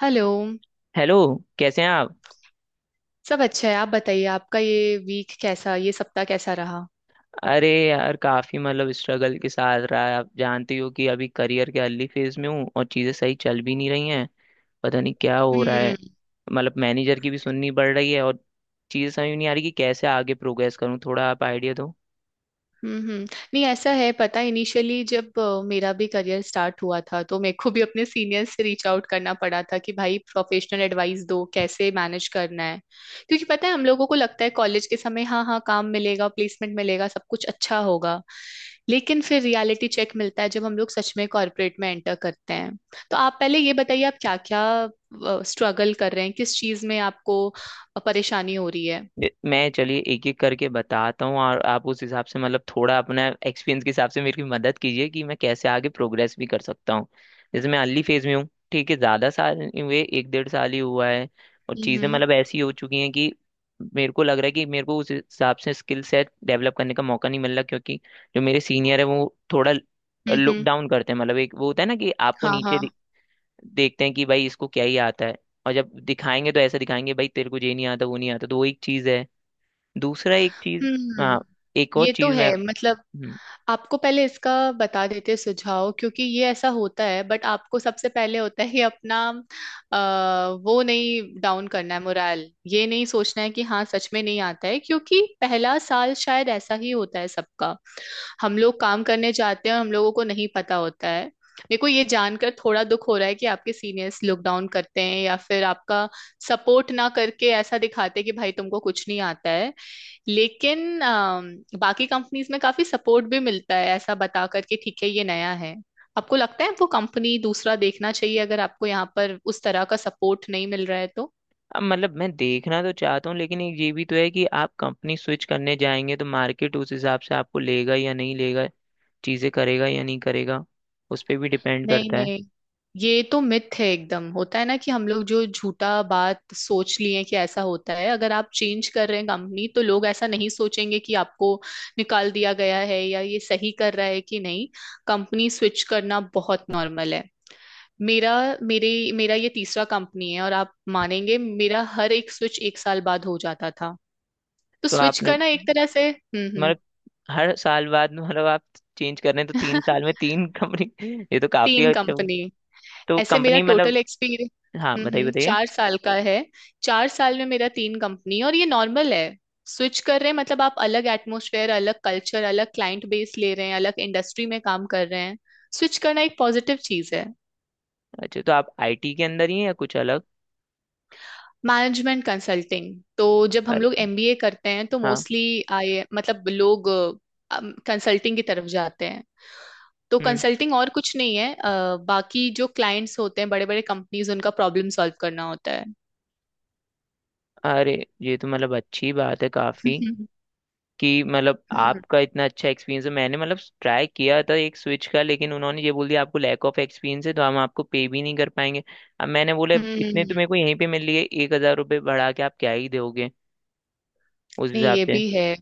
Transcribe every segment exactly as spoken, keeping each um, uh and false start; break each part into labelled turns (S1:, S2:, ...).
S1: Hello.
S2: Hello. कैसे हैं आप?
S1: सब अच्छा है, आप बताइए आपका ये वीक कैसा ये सप्ताह कैसा रहा।
S2: अरे यार, काफी मतलब स्ट्रगल के साथ रहा है। आप जानती हो कि अभी करियर के अर्ली फेज में हूँ और चीजें सही चल भी नहीं रही हैं। पता नहीं क्या हो रहा है।
S1: हम्म
S2: मतलब मैनेजर की भी सुननी पड़ रही है और चीजें समझ नहीं आ रही कि कैसे आगे प्रोग्रेस करूँ। थोड़ा आप आइडिया दो।
S1: हम्म हम्म। नहीं ऐसा है, पता है इनिशियली जब अ, मेरा भी करियर स्टार्ट हुआ था तो मेरे को भी अपने सीनियर्स से रीच आउट करना पड़ा था कि भाई प्रोफेशनल एडवाइस दो कैसे मैनेज करना है। क्योंकि पता है हम लोगों को लगता है कॉलेज के समय हाँ हाँ काम मिलेगा, प्लेसमेंट मिलेगा, सब कुछ अच्छा होगा। लेकिन फिर रियलिटी चेक मिलता है जब हम लोग सच में कॉर्पोरेट में एंटर करते हैं। तो आप पहले ये बताइए आप क्या क्या स्ट्रगल कर रहे हैं, किस चीज में आपको परेशानी हो रही है।
S2: ये- मैं चलिए एक एक करके बताता हूँ और आप उस हिसाब से मतलब थोड़ा अपना एक्सपीरियंस के हिसाब से मेरी मदद कीजिए कि मैं कैसे आगे प्रोग्रेस भी कर सकता हूँ। जैसे मैं अर्ली फेज में हूँ, ठीक है, ज़्यादा साल नहीं हुए, एक डेढ़ साल ही हुआ है। और चीज़ें
S1: हम्म
S2: मतलब ऐसी हो चुकी हैं कि मेरे को लग रहा है कि मेरे को उस हिसाब से स्किल सेट डेवलप करने का मौका नहीं मिल रहा, क्योंकि जो मेरे सीनियर है वो थोड़ा
S1: हम्म
S2: लुक
S1: हम्म।
S2: डाउन करते हैं। मतलब एक वो होता है ना कि आपको
S1: हाँ
S2: नीचे दे-
S1: हाँ।
S2: देखते हैं कि भाई इसको क्या ही आता है। और जब दिखाएंगे तो ऐसा दिखाएंगे, भाई तेरे को ये नहीं आता वो नहीं आता, तो वो एक चीज़ है। दूसरा एक चीज।
S1: हम्म।
S2: हाँ। एक और
S1: ये तो
S2: चीज मैं।
S1: है, मतलब
S2: हम्म।
S1: आपको पहले इसका बता देते सुझाव क्योंकि ये ऐसा होता है, बट आपको सबसे पहले होता है कि अपना आ, वो नहीं डाउन करना है मोराल। ये नहीं सोचना है कि हाँ सच में नहीं आता है क्योंकि पहला साल शायद ऐसा ही होता है सबका। हम लोग काम करने जाते हैं और हम लोगों को नहीं पता होता है। मेरे को ये जानकर थोड़ा दुख हो रहा है कि आपके सीनियर्स लॉकडाउन करते हैं या फिर आपका सपोर्ट ना करके ऐसा दिखाते हैं कि भाई तुमको कुछ नहीं आता है। लेकिन अम, बाकी कंपनीज में काफी सपोर्ट भी मिलता है, ऐसा बता करके ठीक है ये नया है। आपको लगता है वो कंपनी दूसरा देखना चाहिए अगर आपको यहाँ पर उस तरह का सपोर्ट नहीं मिल रहा है तो।
S2: अब मतलब मैं देखना तो चाहता हूँ, लेकिन एक ये भी तो है कि आप कंपनी स्विच करने जाएंगे तो मार्केट उस हिसाब से आपको लेगा या नहीं लेगा, चीजें करेगा या नहीं करेगा, उस पर भी डिपेंड
S1: नहीं
S2: करता है।
S1: नहीं, ये तो मिथ है एकदम, होता है ना कि हम लोग जो झूठा बात सोच लिए कि ऐसा होता है। अगर आप चेंज कर रहे हैं कंपनी तो लोग ऐसा नहीं सोचेंगे कि आपको निकाल दिया गया है या ये सही कर रहा है कि नहीं। कंपनी स्विच करना बहुत नॉर्मल है। मेरा मेरे मेरा ये तीसरा कंपनी है और आप मानेंगे मेरा हर एक स्विच एक साल बाद हो जाता था। तो
S2: तो
S1: स्विच
S2: आपने
S1: करना एक तरह से। हम्म हम्म।
S2: मतलब हर साल बाद मतलब आप चेंज कर रहे हैं, तो तीन साल में तीन कंपनी ये तो काफी
S1: तीन
S2: अच्छा हुआ।
S1: कंपनी
S2: तो
S1: ऐसे मेरा
S2: कंपनी
S1: टोटल
S2: मतलब।
S1: एक्सपीरियंस,
S2: हाँ
S1: हम्म
S2: बताइए
S1: हम्म,
S2: बताइए।
S1: चार साल का है। चार साल में मेरा तीन कंपनी और ये नॉर्मल है। स्विच कर रहे हैं मतलब आप अलग एटमोसफेयर, अलग कल्चर, अलग क्लाइंट बेस ले रहे हैं, अलग इंडस्ट्री में काम कर रहे हैं। स्विच करना एक पॉजिटिव चीज है।
S2: अच्छा तो आप आई टी के अंदर ही हैं या कुछ अलग?
S1: मैनेजमेंट कंसल्टिंग, तो जब हम
S2: अरे।
S1: लोग एमबीए करते हैं तो
S2: हाँ।
S1: मोस्टली आई मतलब लोग कंसल्टिंग की तरफ जाते हैं। तो
S2: हम्म।
S1: कंसल्टिंग और कुछ नहीं है, अ, बाकी जो क्लाइंट्स होते हैं बड़े बड़े कंपनीज उनका प्रॉब्लम सॉल्व करना होता है।
S2: अरे, ये तो मतलब अच्छी बात है काफी
S1: हम्म
S2: कि मतलब आपका इतना अच्छा एक्सपीरियंस है। मैंने मतलब ट्राई किया था एक स्विच का, लेकिन उन्होंने ये बोल दिया आपको लैक ऑफ एक्सपीरियंस है तो हम आपको पे भी नहीं कर पाएंगे। अब मैंने बोला
S1: हम्म,
S2: इतने तो मेरे
S1: हम्म।
S2: को यहीं पे मिल लिए, एक हजार रुपये बढ़ा के आप क्या ही दोगे उस
S1: नहीं
S2: हिसाब
S1: ये
S2: से?
S1: भी है।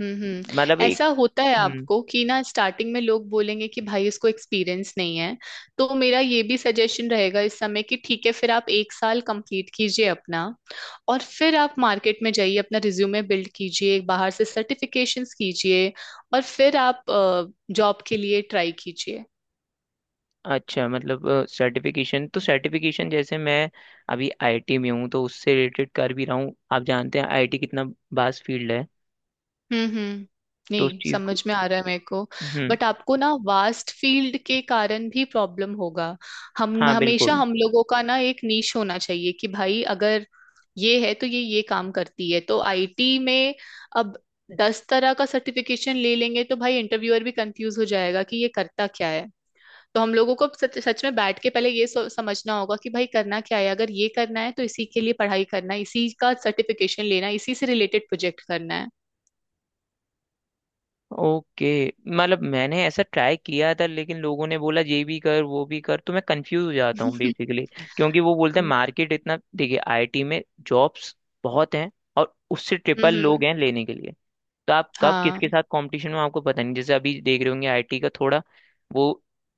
S1: हम्म
S2: मतलब
S1: हम्म।
S2: एक।
S1: ऐसा होता है
S2: हम्म।
S1: आपको कि ना स्टार्टिंग में लोग बोलेंगे कि भाई इसको एक्सपीरियंस नहीं है। तो मेरा ये भी सजेशन रहेगा इस समय कि ठीक है फिर आप एक साल कंप्लीट कीजिए अपना, और फिर आप मार्केट में जाइए, अपना रिज्यूमे बिल्ड कीजिए, बाहर से सर्टिफिकेशंस कीजिए और फिर आप जॉब के लिए ट्राई कीजिए।
S2: अच्छा, मतलब सर्टिफिकेशन तो सर्टिफिकेशन जैसे मैं अभी आई टी में हूँ तो उससे रिलेटेड कर भी रहा हूँ। आप जानते हैं आई टी कितना वास्ट फील्ड है,
S1: हम्म हम्म।
S2: तो उस
S1: नहीं
S2: चीज़ को।
S1: समझ में आ रहा है मेरे को।
S2: हम्म।
S1: बट आपको ना वास्ट फील्ड के कारण भी प्रॉब्लम होगा। हम
S2: हाँ
S1: हमेशा
S2: बिल्कुल।
S1: हम लोगों का ना एक नीश होना चाहिए कि भाई अगर ये है तो ये ये काम करती है तो आईटी में। अब दस तरह का सर्टिफिकेशन ले लेंगे तो भाई इंटरव्यूअर भी कंफ्यूज हो जाएगा कि ये करता क्या है। तो हम लोगों को सच, सच में बैठ के पहले ये सो- समझना होगा कि भाई करना क्या है। अगर ये करना है तो इसी के लिए पढ़ाई करना है, इसी का सर्टिफिकेशन लेना है, इसी से रिलेटेड प्रोजेक्ट करना
S2: ओके। मतलब मैंने ऐसा ट्राई किया था, लेकिन लोगों ने बोला ये भी कर वो भी कर, तो मैं कंफ्यूज हो जाता
S1: है।
S2: हूँ बेसिकली। क्योंकि वो बोलते हैं मार्केट इतना देखिए आई टी में जॉब्स बहुत हैं, और उससे
S1: हम्म
S2: ट्रिपल लोग
S1: हम्म,
S2: हैं लेने के लिए। तो आप कब
S1: हाँ
S2: किसके साथ कंपटीशन में आपको पता नहीं। जैसे अभी देख रहे होंगे आई टी का थोड़ा वो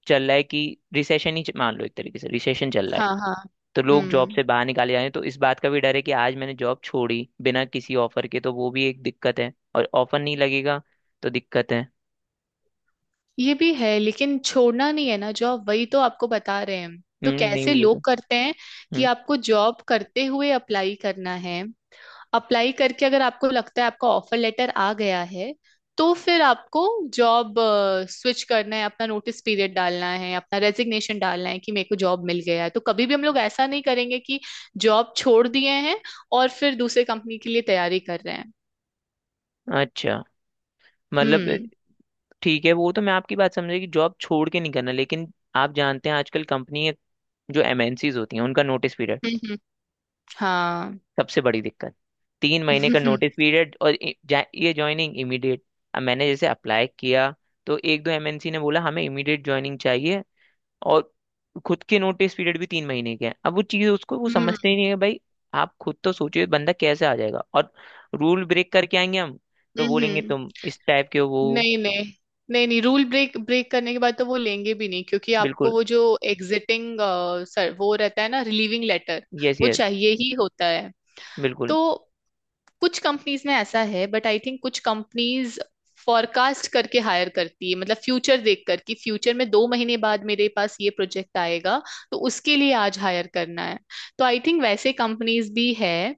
S2: चल रहा है कि रिसेशन ही मान लो, एक तरीके से रिसेशन चल रहा है,
S1: हाँ हाँ।
S2: तो लोग जॉब
S1: हम्म।
S2: से बाहर निकाले जा रहे हैं। तो इस बात का भी डर है कि आज मैंने जॉब छोड़ी बिना किसी ऑफर के, तो वो भी एक दिक्कत है और ऑफर नहीं लगेगा, तो दिक्कत है।
S1: ये भी है लेकिन छोड़ना नहीं है ना जॉब, वही तो आपको बता रहे हैं हम। तो
S2: हम्म, नहीं
S1: कैसे
S2: वो तो।
S1: लोग करते हैं कि
S2: हम्म।
S1: आपको जॉब करते हुए अप्लाई करना है। अप्लाई करके अगर आपको लगता है आपका ऑफर लेटर आ गया है तो फिर आपको जॉब स्विच करना है, अपना नोटिस पीरियड डालना है, अपना रेजिग्नेशन डालना है कि मेरे को जॉब मिल गया है। तो कभी भी हम लोग ऐसा नहीं करेंगे कि जॉब छोड़ दिए हैं और फिर दूसरे कंपनी के लिए तैयारी कर रहे हैं।
S2: अच्छा, मतलब
S1: हम्म
S2: ठीक है, वो तो मैं आपकी बात समझे कि जॉब छोड़ के नहीं करना, लेकिन आप जानते हैं आजकल कंपनी जो एम एन सीज़ होती हैं उनका नोटिस पीरियड
S1: हम्म, हाँ।
S2: सबसे बड़ी दिक्कत। तीन महीने का नोटिस पीरियड और इ- जा- ये ज्वाइनिंग इमीडिएट। अब मैंने जैसे अप्लाई किया तो एक दो एम एन सी ने बोला हमें इमीडिएट ज्वाइनिंग चाहिए, और खुद के नोटिस पीरियड भी तीन महीने के हैं। अब वो चीज उसको वो
S1: हम्म
S2: समझते ही
S1: हम्म।
S2: नहीं है भाई। आप खुद तो सोचिए बंदा कैसे आ जाएगा, और रूल ब्रेक करके आएंगे हम तो बोलेंगे तुम इस टाइप के हो, वो।
S1: नहीं नहीं। नहीं नहीं रूल ब्रेक ब्रेक करने के बाद तो वो लेंगे भी नहीं क्योंकि आपको
S2: बिल्कुल।
S1: वो जो एग्जिटिंग सर वो रहता है ना, रिलीविंग लेटर,
S2: यस
S1: वो
S2: यस।
S1: चाहिए ही होता है।
S2: बिल्कुल।
S1: तो कुछ कंपनीज में ऐसा है बट आई थिंक कुछ कंपनीज फॉरकास्ट करके हायर करती है, मतलब फ्यूचर देखकर कि फ्यूचर में दो महीने बाद मेरे पास ये प्रोजेक्ट आएगा तो उसके लिए आज हायर करना है। तो आई थिंक वैसे कंपनीज भी है।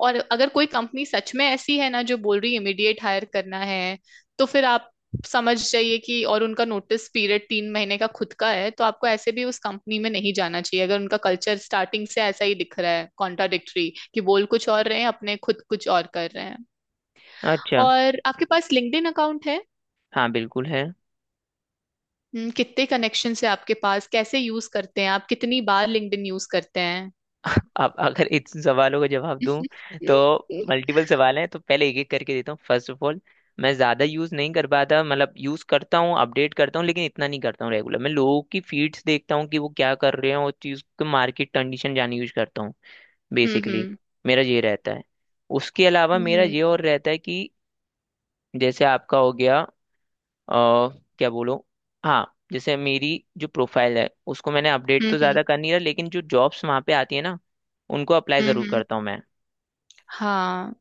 S1: और अगर कोई कंपनी सच में ऐसी है ना जो बोल रही है इमीडिएट हायर करना है तो फिर आप समझ जाइए कि, और उनका नोटिस पीरियड तीन महीने का खुद का है तो आपको ऐसे भी उस कंपनी में नहीं जाना चाहिए अगर उनका कल्चर स्टार्टिंग से ऐसा ही दिख रहा है कॉन्ट्राडिक्टरी, कि बोल कुछ और रहे हैं, अपने खुद कुछ और कर रहे हैं।
S2: अच्छा।
S1: और आपके पास लिंक्डइन अकाउंट है?
S2: हाँ बिल्कुल है।
S1: हम्म, कितने कनेक्शन है आपके पास, कैसे यूज करते हैं आप, कितनी बार लिंक्डइन यूज करते हैं?
S2: अब अगर इन सवालों का जवाब दूं तो
S1: हम्म
S2: मल्टीपल सवाल हैं, तो पहले एक एक करके देता हूँ। फर्स्ट ऑफ ऑल, मैं ज्यादा यूज नहीं कर पाता। मतलब यूज करता हूँ अपडेट करता हूँ लेकिन इतना नहीं करता हूँ रेगुलर। मैं लोगों की फीड्स देखता हूँ कि वो क्या कर रहे हैं और चीज को मार्केट कंडीशन जाने यूज करता हूँ बेसिकली।
S1: हम्म
S2: मेरा ये रहता है। उसके अलावा मेरा
S1: हम्म
S2: ये और रहता है कि जैसे आपका हो गया, अ, क्या बोलो। हाँ, जैसे मेरी जो प्रोफाइल है उसको मैंने अपडेट
S1: हम्म
S2: तो
S1: हम्म
S2: ज़्यादा कर नहीं रहा, लेकिन जो जॉब्स वहाँ पे आती है ना उनको अप्लाई
S1: हम्म,
S2: ज़रूर
S1: हम्म,
S2: करता हूँ मैं।
S1: हाँ।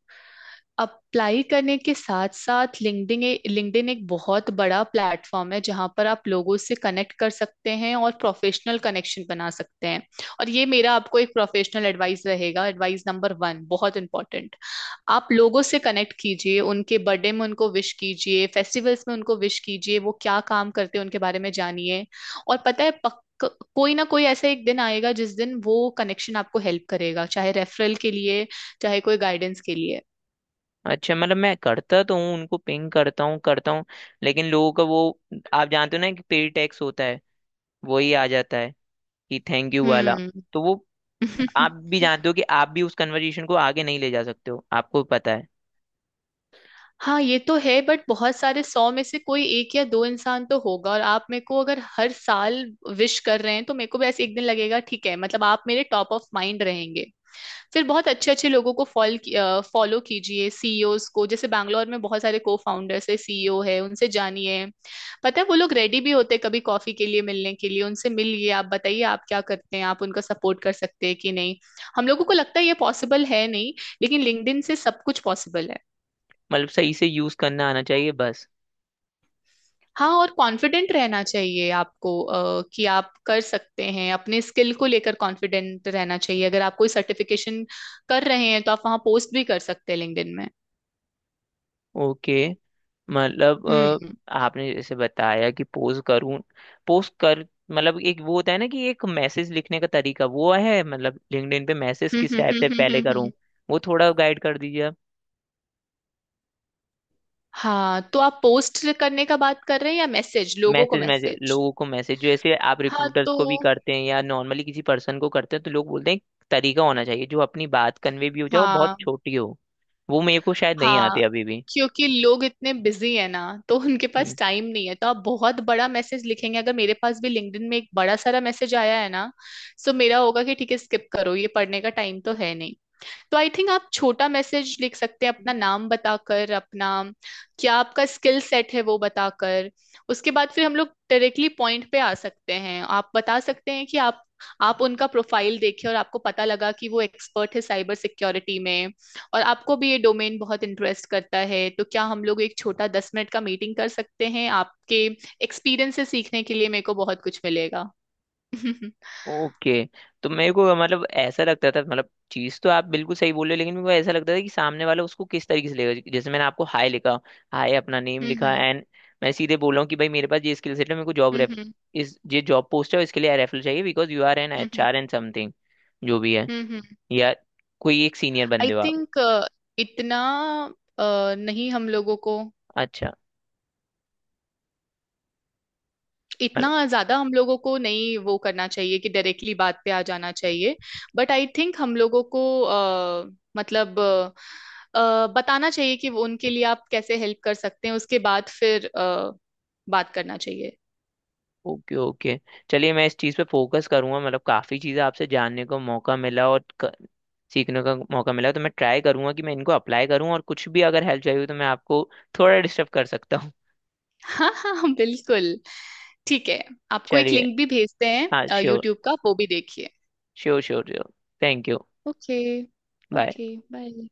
S1: अप्लाई करने के साथ साथ लिंक्डइन लिंक्डइन एक बहुत बड़ा प्लेटफॉर्म है जहां पर आप लोगों से कनेक्ट कर सकते हैं और प्रोफेशनल कनेक्शन बना सकते हैं। और ये मेरा आपको एक प्रोफेशनल एडवाइस रहेगा, एडवाइस नंबर वन, बहुत इंपॉर्टेंट। आप लोगों से कनेक्ट कीजिए, उनके बर्थडे में उनको विश कीजिए, फेस्टिवल्स में उनको विश कीजिए, वो क्या काम करते हैं उनके बारे में जानिए। और पता है पक को, कोई ना कोई ऐसा एक दिन आएगा जिस दिन वो कनेक्शन आपको हेल्प करेगा, चाहे रेफरल के लिए, चाहे कोई गाइडेंस के लिए।
S2: अच्छा, मतलब मैं करता तो हूँ, उनको पिंग करता हूँ करता हूँ, लेकिन लोगों का वो, आप जानते हो ना कि पे टैक्स होता है, वही आ जाता है, कि थैंक यू वाला।
S1: हम्म।
S2: तो वो, आप भी जानते हो कि आप भी उस कन्वर्जेशन को आगे नहीं ले जा सकते हो, आपको पता है।
S1: हाँ ये तो है बट बहुत सारे, सौ में से कोई एक या दो इंसान तो होगा। और आप मेरे को अगर हर साल विश कर रहे हैं तो मेरे को भी ऐसे एक दिन लगेगा ठीक है, मतलब आप मेरे टॉप ऑफ माइंड रहेंगे। फिर बहुत अच्छे अच्छे लोगों को फॉल फॉलो कीजिए, सीईओज को। जैसे बैंगलोर में बहुत सारे को फाउंडर्स है, सीईओ है, उनसे जानिए। पता है वो लोग रेडी भी होते हैं कभी कॉफी के लिए मिलने के लिए, उनसे मिलिए, आप बताइए आप क्या करते हैं, आप उनका सपोर्ट कर सकते हैं कि नहीं। हम लोगों को लगता है ये पॉसिबल है नहीं, लेकिन लिंक्डइन से सब कुछ पॉसिबल है।
S2: मतलब सही से यूज़ करना आना चाहिए बस।
S1: हाँ और कॉन्फिडेंट रहना चाहिए आपको, अ, कि आप कर सकते हैं, अपने स्किल को लेकर कॉन्फिडेंट रहना चाहिए। अगर आप कोई सर्टिफिकेशन कर रहे हैं तो आप वहाँ पोस्ट भी कर सकते हैं लिंक्डइन में।
S2: ओके। मतलब
S1: हम्म
S2: अ, आपने जैसे बताया कि पोस्ट करूं, पोस्ट कर। मतलब एक वो होता है ना कि एक मैसेज लिखने का तरीका वो है। मतलब लिंक्डइन पे मैसेज
S1: हम्म
S2: किस
S1: हम्म
S2: टाइप से
S1: हम्म हम्म
S2: पहले
S1: हम्म,
S2: करूं?
S1: हम्म।
S2: वो थोड़ा गाइड कर दीजिए आप।
S1: हाँ तो आप पोस्ट करने का बात कर रहे हैं या मैसेज, लोगों को
S2: मैसेज मैसेज
S1: मैसेज?
S2: लोगों को मैसेज, जैसे आप
S1: हाँ
S2: रिक्रूटर्स
S1: तो।
S2: को भी करते हैं या नॉर्मली किसी पर्सन को करते हैं। तो लोग बोलते हैं एक तरीका होना चाहिए जो अपनी बात कन्वे भी हो जाए और बहुत
S1: हाँ
S2: छोटी हो। वो मेरे को शायद नहीं
S1: हाँ।
S2: आती अभी भी।
S1: क्योंकि लोग इतने बिजी है ना, तो उनके
S2: हम्म।
S1: पास टाइम नहीं है। तो आप बहुत बड़ा मैसेज लिखेंगे, अगर मेरे पास भी लिंक्डइन में एक बड़ा सारा मैसेज आया है ना, सो मेरा होगा कि ठीक है स्किप करो, ये पढ़ने का टाइम तो है नहीं। तो आई थिंक आप छोटा मैसेज लिख सकते हैं, अपना नाम बताकर, अपना क्या आपका स्किल सेट है वो बताकर। उसके बाद फिर हम लोग डायरेक्टली पॉइंट पे आ सकते हैं, आप बता सकते हैं कि आप आप उनका प्रोफाइल देखे और आपको पता लगा कि वो एक्सपर्ट है साइबर सिक्योरिटी में, और आपको भी ये डोमेन बहुत इंटरेस्ट करता है तो क्या हम लोग एक छोटा दस मिनट का मीटिंग कर सकते हैं, आपके एक्सपीरियंस से सीखने के लिए मेरे को बहुत कुछ मिलेगा। हम्म
S2: ओके। तो मेरे को मतलब ऐसा लगता था, मतलब चीज तो आप बिल्कुल सही बोल रहे हो, लेकिन मेरे को ऐसा लगता था कि सामने वाला उसको किस तरीके से लेगा। जैसे मैंने आपको हाय लिखा, हाय अपना नेम लिखा
S1: हम्म
S2: एंड मैं सीधे बोल रहा हूँ कि भाई मेरे पास ये स्किल सेट है, मेरे को जॉब
S1: हम्म
S2: रेफ,
S1: हम्म
S2: इस ये जॉब पोस्ट है और इसके लिए रेफरल चाहिए because you are an H
S1: hmm
S2: R and something, जो भी है,
S1: हम्म हम्म।
S2: या कोई एक सीनियर
S1: आई
S2: बंदे हो आप।
S1: थिंक इतना अ, नहीं हम लोगों को,
S2: अच्छा।
S1: इतना ज्यादा हम लोगों को नहीं वो करना चाहिए कि डायरेक्टली बात पे आ जाना चाहिए। बट आई थिंक हम लोगों को अ, मतलब अ, अ, बताना चाहिए कि वो उनके लिए आप कैसे हेल्प कर सकते हैं, उसके बाद फिर अ, बात करना चाहिए।
S2: Okay okay. चलिए मैं इस चीज़ पे फोकस करूंगा। मतलब काफ़ी चीज़ें आपसे जानने को मौका मिला और क- सीखने का मौका मिला, तो मैं ट्राई करूंगा कि मैं इनको अप्लाई करूं। और कुछ भी अगर हेल्प चाहिए हो तो मैं आपको थोड़ा डिस्टर्ब कर सकता हूँ।
S1: हाँ हाँ हाँ, बिल्कुल, ठीक है। आपको एक
S2: चलिए।
S1: लिंक भी भेजते
S2: हाँ
S1: हैं
S2: श्योर।
S1: यूट्यूब का, वो भी देखिए।
S2: Sure sure sure. Thank you.
S1: Okay.
S2: Bye.
S1: Okay bye.